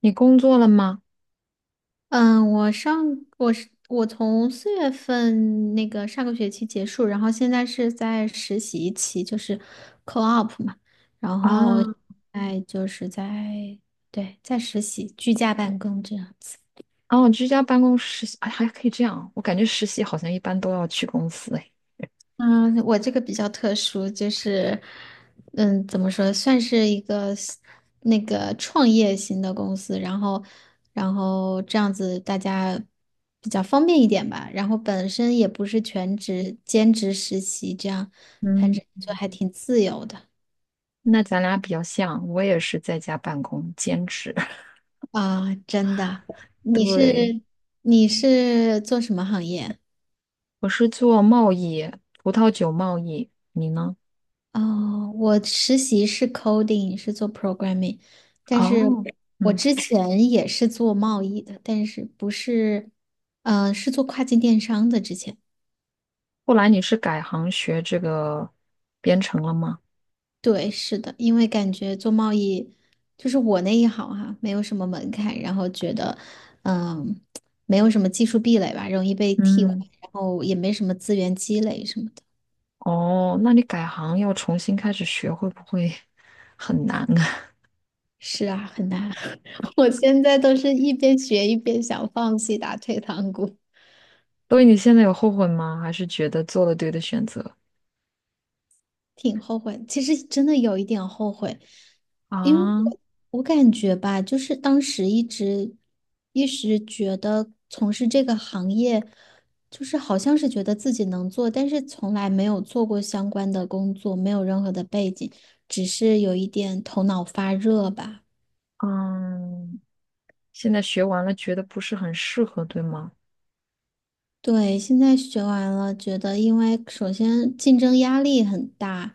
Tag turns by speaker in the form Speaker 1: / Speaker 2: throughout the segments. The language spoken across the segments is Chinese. Speaker 1: 你工作了吗？
Speaker 2: 嗯，我上我是我从四月份那个上个学期结束，然后现在是在实习期，就是 co-op 嘛，然后
Speaker 1: 啊。
Speaker 2: 哎就是，对，在实习居家办公这样子。
Speaker 1: 哦，居家办公实习，哎，还可以这样啊。我感觉实习好像一般都要去公司，哎，
Speaker 2: 嗯，我这个比较特殊，就是，嗯，怎么说，算是一个 那个创业型的公司，然后，这样子大家比较方便一点吧。然后本身也不是全职兼职实习，这样反
Speaker 1: 嗯。
Speaker 2: 正就还挺自由的。
Speaker 1: 那咱俩比较像，我也是在家办公兼职。
Speaker 2: 啊，真的。你
Speaker 1: 对，
Speaker 2: 是你是做什么行业？
Speaker 1: 我是做贸易，葡萄酒贸易。你呢？
Speaker 2: 哦，我实习是 coding，是做 programming，但是
Speaker 1: 哦。
Speaker 2: 我
Speaker 1: 嗯。
Speaker 2: 之前也是做贸易的，但是不是，是做跨境电商的。之前，
Speaker 1: 后来你是改行学这个编程了吗？
Speaker 2: 对，是的，因为感觉做贸易就是我那一行哈、没有什么门槛，然后觉得，嗯，没有什么技术壁垒吧，容易被替换，
Speaker 1: 嗯。
Speaker 2: 然后也没什么资源积累什么的。
Speaker 1: 哦，那你改行要重新开始学，会不会很难啊？
Speaker 2: 是啊，很难。我现在都是一边学一边想放弃打退堂鼓。
Speaker 1: 所以你现在有后悔吗？还是觉得做了对的选择？
Speaker 2: 挺后悔，其实真的有一点后悔，因为我
Speaker 1: 啊。
Speaker 2: 我感觉吧，就是当时一直觉得从事这个行业，就是好像是觉得自己能做，但是从来没有做过相关的工作，没有任何的背景，只是有一点头脑发热吧。
Speaker 1: 嗯。现在学完了，觉得不是很适合，对吗？
Speaker 2: 对，现在学完了，觉得因为首先竞争压力很大，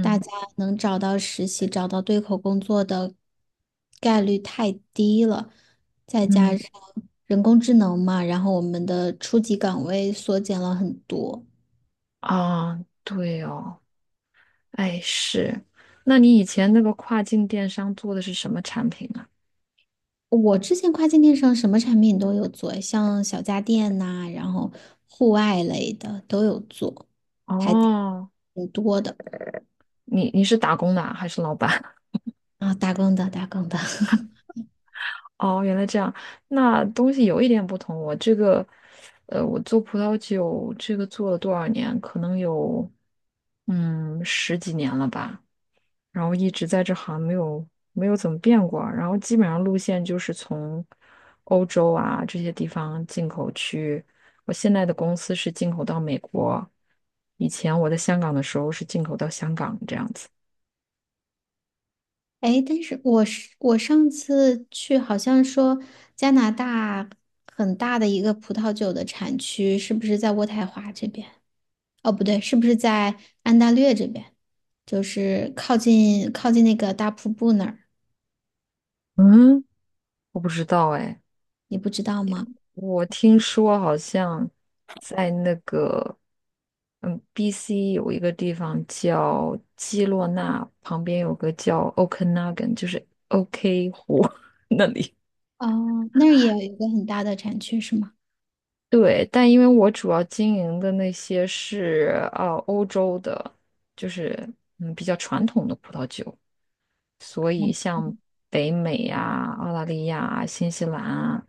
Speaker 2: 大家能找到实习、找到对口工作的概率太低了，再
Speaker 1: 嗯。
Speaker 2: 加上人工智能嘛，然后我们的初级岗位缩减了很多。
Speaker 1: 啊，对哦，哎是，那你以前那个跨境电商做的是什么产品啊？
Speaker 2: 我之前跨境电商什么产品都有做，像小家电呐、然后户外类的都有做，还挺
Speaker 1: 哦。
Speaker 2: 挺多的。
Speaker 1: 你你是打工的啊还是老板？
Speaker 2: 啊，打工的，打工的。
Speaker 1: 哦，原来这样，那东西有一点不同。我这个，我做葡萄酒这个做了多少年？可能有，嗯，十几年了吧。然后一直在这行没有怎么变过，然后基本上路线就是从欧洲啊这些地方进口去。我现在的公司是进口到美国，以前我在香港的时候是进口到香港这样子。
Speaker 2: 哎，但是我上次去，好像说加拿大很大的一个葡萄酒的产区，是不是在渥太华这边？哦，不对，是不是在安大略这边？就是靠近那个大瀑布那儿，
Speaker 1: 嗯，我不知道哎。
Speaker 2: 你不知道吗？
Speaker 1: 我听说好像在那个BC 有一个地方叫基洛纳，旁边有个叫 Okanagan,就是 OK 湖 那里。
Speaker 2: 哦，那儿也有一个很大的产区，是吗？
Speaker 1: 对，但因为我主要经营的那些是欧洲的，就是比较传统的葡萄酒，所以像北美呀、澳大利亚啊新西兰啊、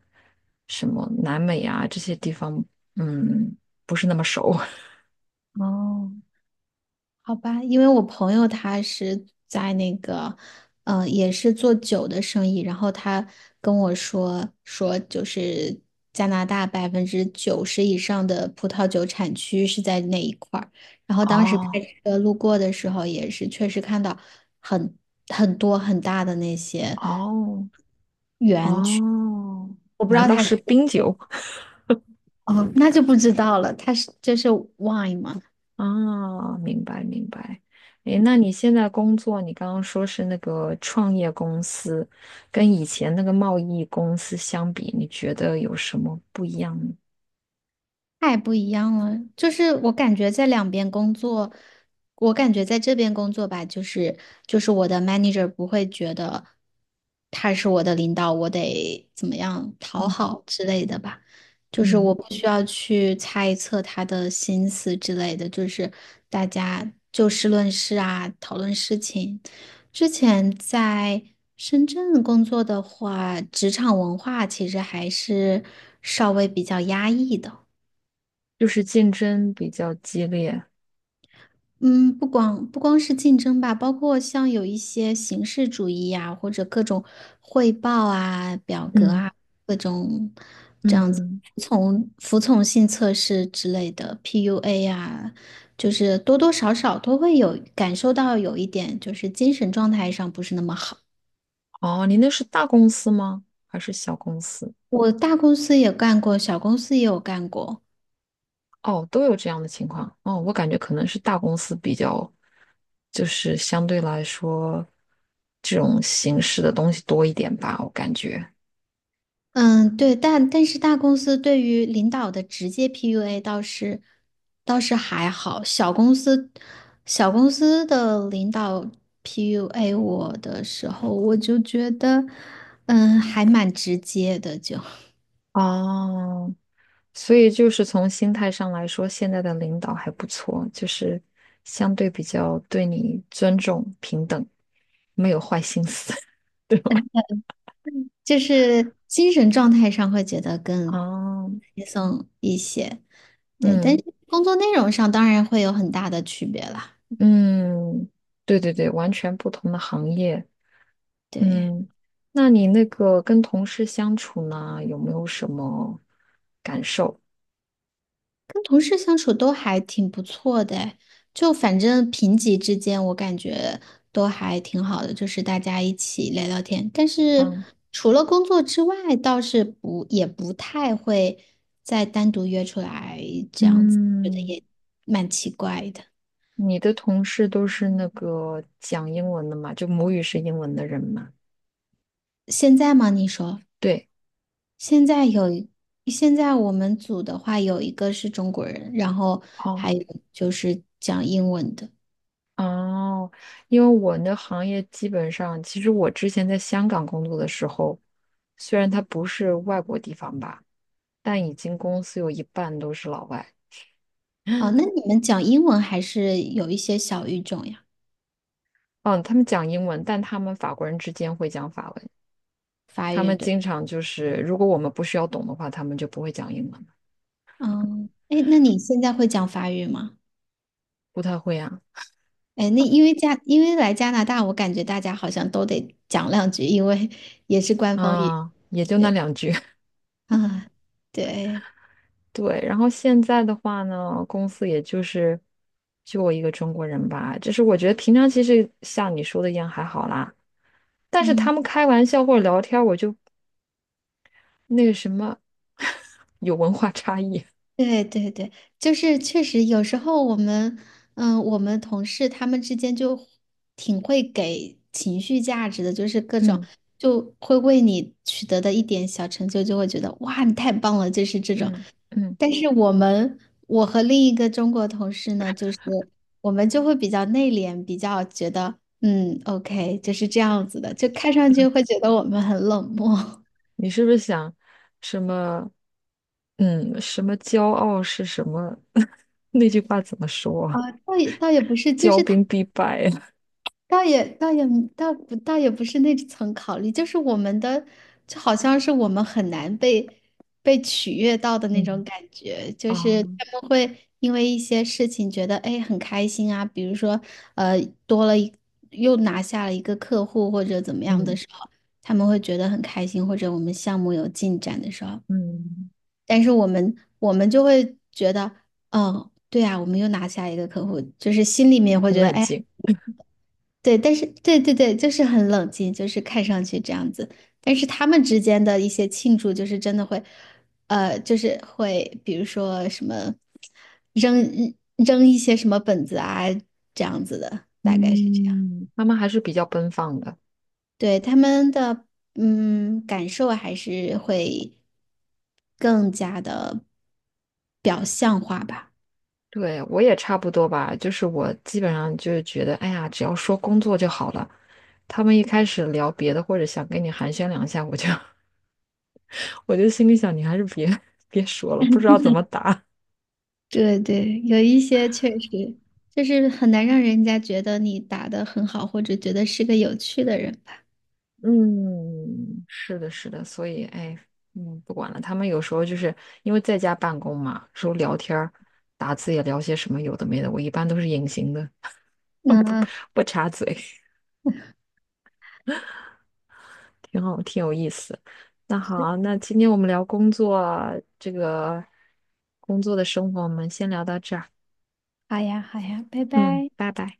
Speaker 1: 什么南美啊这些地方，嗯，不是那么熟。
Speaker 2: 哦，好吧，因为我朋友他是在那个，也是做酒的生意，然后他跟我说说，就是加拿大百分之九十以上的葡萄酒产区是在那一块儿，然后当时开
Speaker 1: 哦
Speaker 2: 车路过的时候，也是确实看到很很多很大的那些
Speaker 1: 哦
Speaker 2: 园，
Speaker 1: 哦，
Speaker 2: 我不知
Speaker 1: 难
Speaker 2: 道
Speaker 1: 道
Speaker 2: 他是，
Speaker 1: 是冰酒？
Speaker 2: 哦，那就不知道了，这是 wine 吗？
Speaker 1: 啊，明白明白。诶，那你现在工作，你刚刚说是那个创业公司，跟以前那个贸易公司相比，你觉得有什么不一样呢？
Speaker 2: 太不一样了，就是我感觉在两边工作，我感觉在这边工作吧，就是我的 manager 不会觉得他是我的领导，我得怎么样讨
Speaker 1: 嗯。
Speaker 2: 好之类的吧，就是
Speaker 1: 嗯，
Speaker 2: 我不需要去猜测他的心思之类的，就是大家就事论事啊，讨论事情。之前在深圳工作的话，职场文化其实还是稍微比较压抑的。
Speaker 1: 就是竞争比较激烈。
Speaker 2: 嗯，不光是竞争吧，包括像有一些形式主义呀、或者各种汇报啊、表格
Speaker 1: 嗯
Speaker 2: 啊，各种
Speaker 1: 嗯。
Speaker 2: 这样子
Speaker 1: 嗯。
Speaker 2: 服从性测试之类的 PUA 啊，就是多多少少都会有感受到有一点，就是精神状态上不是那么好。
Speaker 1: 哦，你那是大公司吗？还是小公司？
Speaker 2: 我大公司也干过，小公司也有干过。
Speaker 1: 哦，都有这样的情况。哦，我感觉可能是大公司比较，就是相对来说，这种形式的东西多一点吧，我感觉。
Speaker 2: 嗯，对，但但是大公司对于领导的直接 PUA 倒是还好，小公司的领导 PUA 我的时候，我就觉得，嗯，还蛮直接的就，
Speaker 1: 哦，所以就是从心态上来说，现在的领导还不错，就是相对比较对你尊重、平等，没有坏心思。对吧？
Speaker 2: 就是精神状态上会觉得更
Speaker 1: 哦。
Speaker 2: 轻松一些，对，但
Speaker 1: 嗯
Speaker 2: 是工作内容上当然会有很大的区别啦，
Speaker 1: 嗯。对对对，完全不同的行业。
Speaker 2: 对。
Speaker 1: 嗯。那你那个跟同事相处呢，有没有什么感受？
Speaker 2: 跟同事相处都还挺不错的诶，就反正平级之间，我感觉都还挺好的，就是大家一起聊聊天。但
Speaker 1: 啊。
Speaker 2: 是除了工作之外，倒是不也不太会再单独约出来这样子，觉得
Speaker 1: 嗯。
Speaker 2: 也蛮奇怪的。
Speaker 1: 你的同事都是那个讲英文的嘛，就母语是英文的人嘛？
Speaker 2: 现在吗？你说
Speaker 1: 对。
Speaker 2: 现在有一，现在我们组的话，有一个是中国人，然后
Speaker 1: 哦
Speaker 2: 还有就是讲英文的。
Speaker 1: 哦，因为我那行业基本上，其实我之前在香港工作的时候，虽然它不是外国地方吧，但已经公司有一半都是老外。
Speaker 2: 哦，那你们讲英文还是有一些小语种呀？
Speaker 1: 嗯，他们讲英文，但他们法国人之间会讲法文。
Speaker 2: 法
Speaker 1: 他
Speaker 2: 语
Speaker 1: 们
Speaker 2: 对，
Speaker 1: 经常就是，如果我们不需要懂的话，他们就不会讲英文。
Speaker 2: 嗯，哎，那你现在会讲法语吗？
Speaker 1: 不太会啊。
Speaker 2: 哎，那因为加，因为来加拿大，我感觉大家好像都得讲两句，因为 也是官方语，
Speaker 1: 啊，也就那
Speaker 2: 对
Speaker 1: 两句。
Speaker 2: 吧啊，对，
Speaker 1: 对，然后现在的话呢，公司也就是就我一个中国人吧，就是我觉得平常其实像你说的一样还好啦。但是他
Speaker 2: 嗯，
Speaker 1: 们开玩笑或者聊天儿我就那个什么，有文化差异。
Speaker 2: 对对对，就是确实有时候我们，嗯，我们同事他们之间就挺会给情绪价值的，就是各种
Speaker 1: 嗯
Speaker 2: 就会为你取得的一点小成就，就会觉得哇，你太棒了，就是这种。
Speaker 1: 嗯嗯。
Speaker 2: 但是我们，我和另一个中国同事呢，就是我们就会比较内敛，比较觉得，嗯，OK，就是这样子的，就看上去会觉得我们很冷漠。
Speaker 1: 你是不是想什么？嗯，什么骄傲是什么？那句话怎么说啊？
Speaker 2: 啊，倒也不是，就
Speaker 1: 骄
Speaker 2: 是他。
Speaker 1: 兵必败啊。
Speaker 2: 倒也倒也倒也不是那层考虑，就是我们的，就好像是我们很难被取悦到的 那种
Speaker 1: 嗯。
Speaker 2: 感觉，就
Speaker 1: 啊。
Speaker 2: 是他们会因为一些事情觉得哎很开心啊，比如说呃多了一又拿下了一个客户或者怎么样的
Speaker 1: 嗯
Speaker 2: 时候，他们会觉得很开心，或者我们项目有进展的时候，
Speaker 1: 嗯。
Speaker 2: 但是我们就会觉得，嗯，对啊，我们又拿下一个客户，就是心里面会
Speaker 1: 很
Speaker 2: 觉得
Speaker 1: 冷
Speaker 2: 哎。
Speaker 1: 静。
Speaker 2: 对，但是对对对，就是很冷静，就是看上去这样子。但是他们之间的一些庆祝，就是真的会，就是会，比如说什么扔扔一些什么本子啊，这样子的，大概是这样。
Speaker 1: 嗯，妈妈还是比较奔放的。
Speaker 2: 对，他们的感受还是会更加的，表。
Speaker 1: 对，我也差不多吧，就是我基本上就是觉得，哎呀，只要说工作就好了。他们一开始聊别的，或者想跟你寒暄两下，我就 我就心里想，你还是别 别说了，不知道怎么答。
Speaker 2: 对对，有一些确实就是很难让人家觉得你打得很好，或者觉得是个有趣的人吧。
Speaker 1: 嗯，是的，是的，所以哎，嗯，不管了。他们有时候就是因为在家办公嘛，说聊天儿、打字也聊些什么有的没的，我一般都是隐形的，
Speaker 2: 嗯。
Speaker 1: 不插嘴。挺好，挺有意思。那好，那今天我们聊工作，这个工作的生活，我们先聊到这儿。
Speaker 2: 好呀，好呀，拜
Speaker 1: 嗯，
Speaker 2: 拜。
Speaker 1: 拜拜。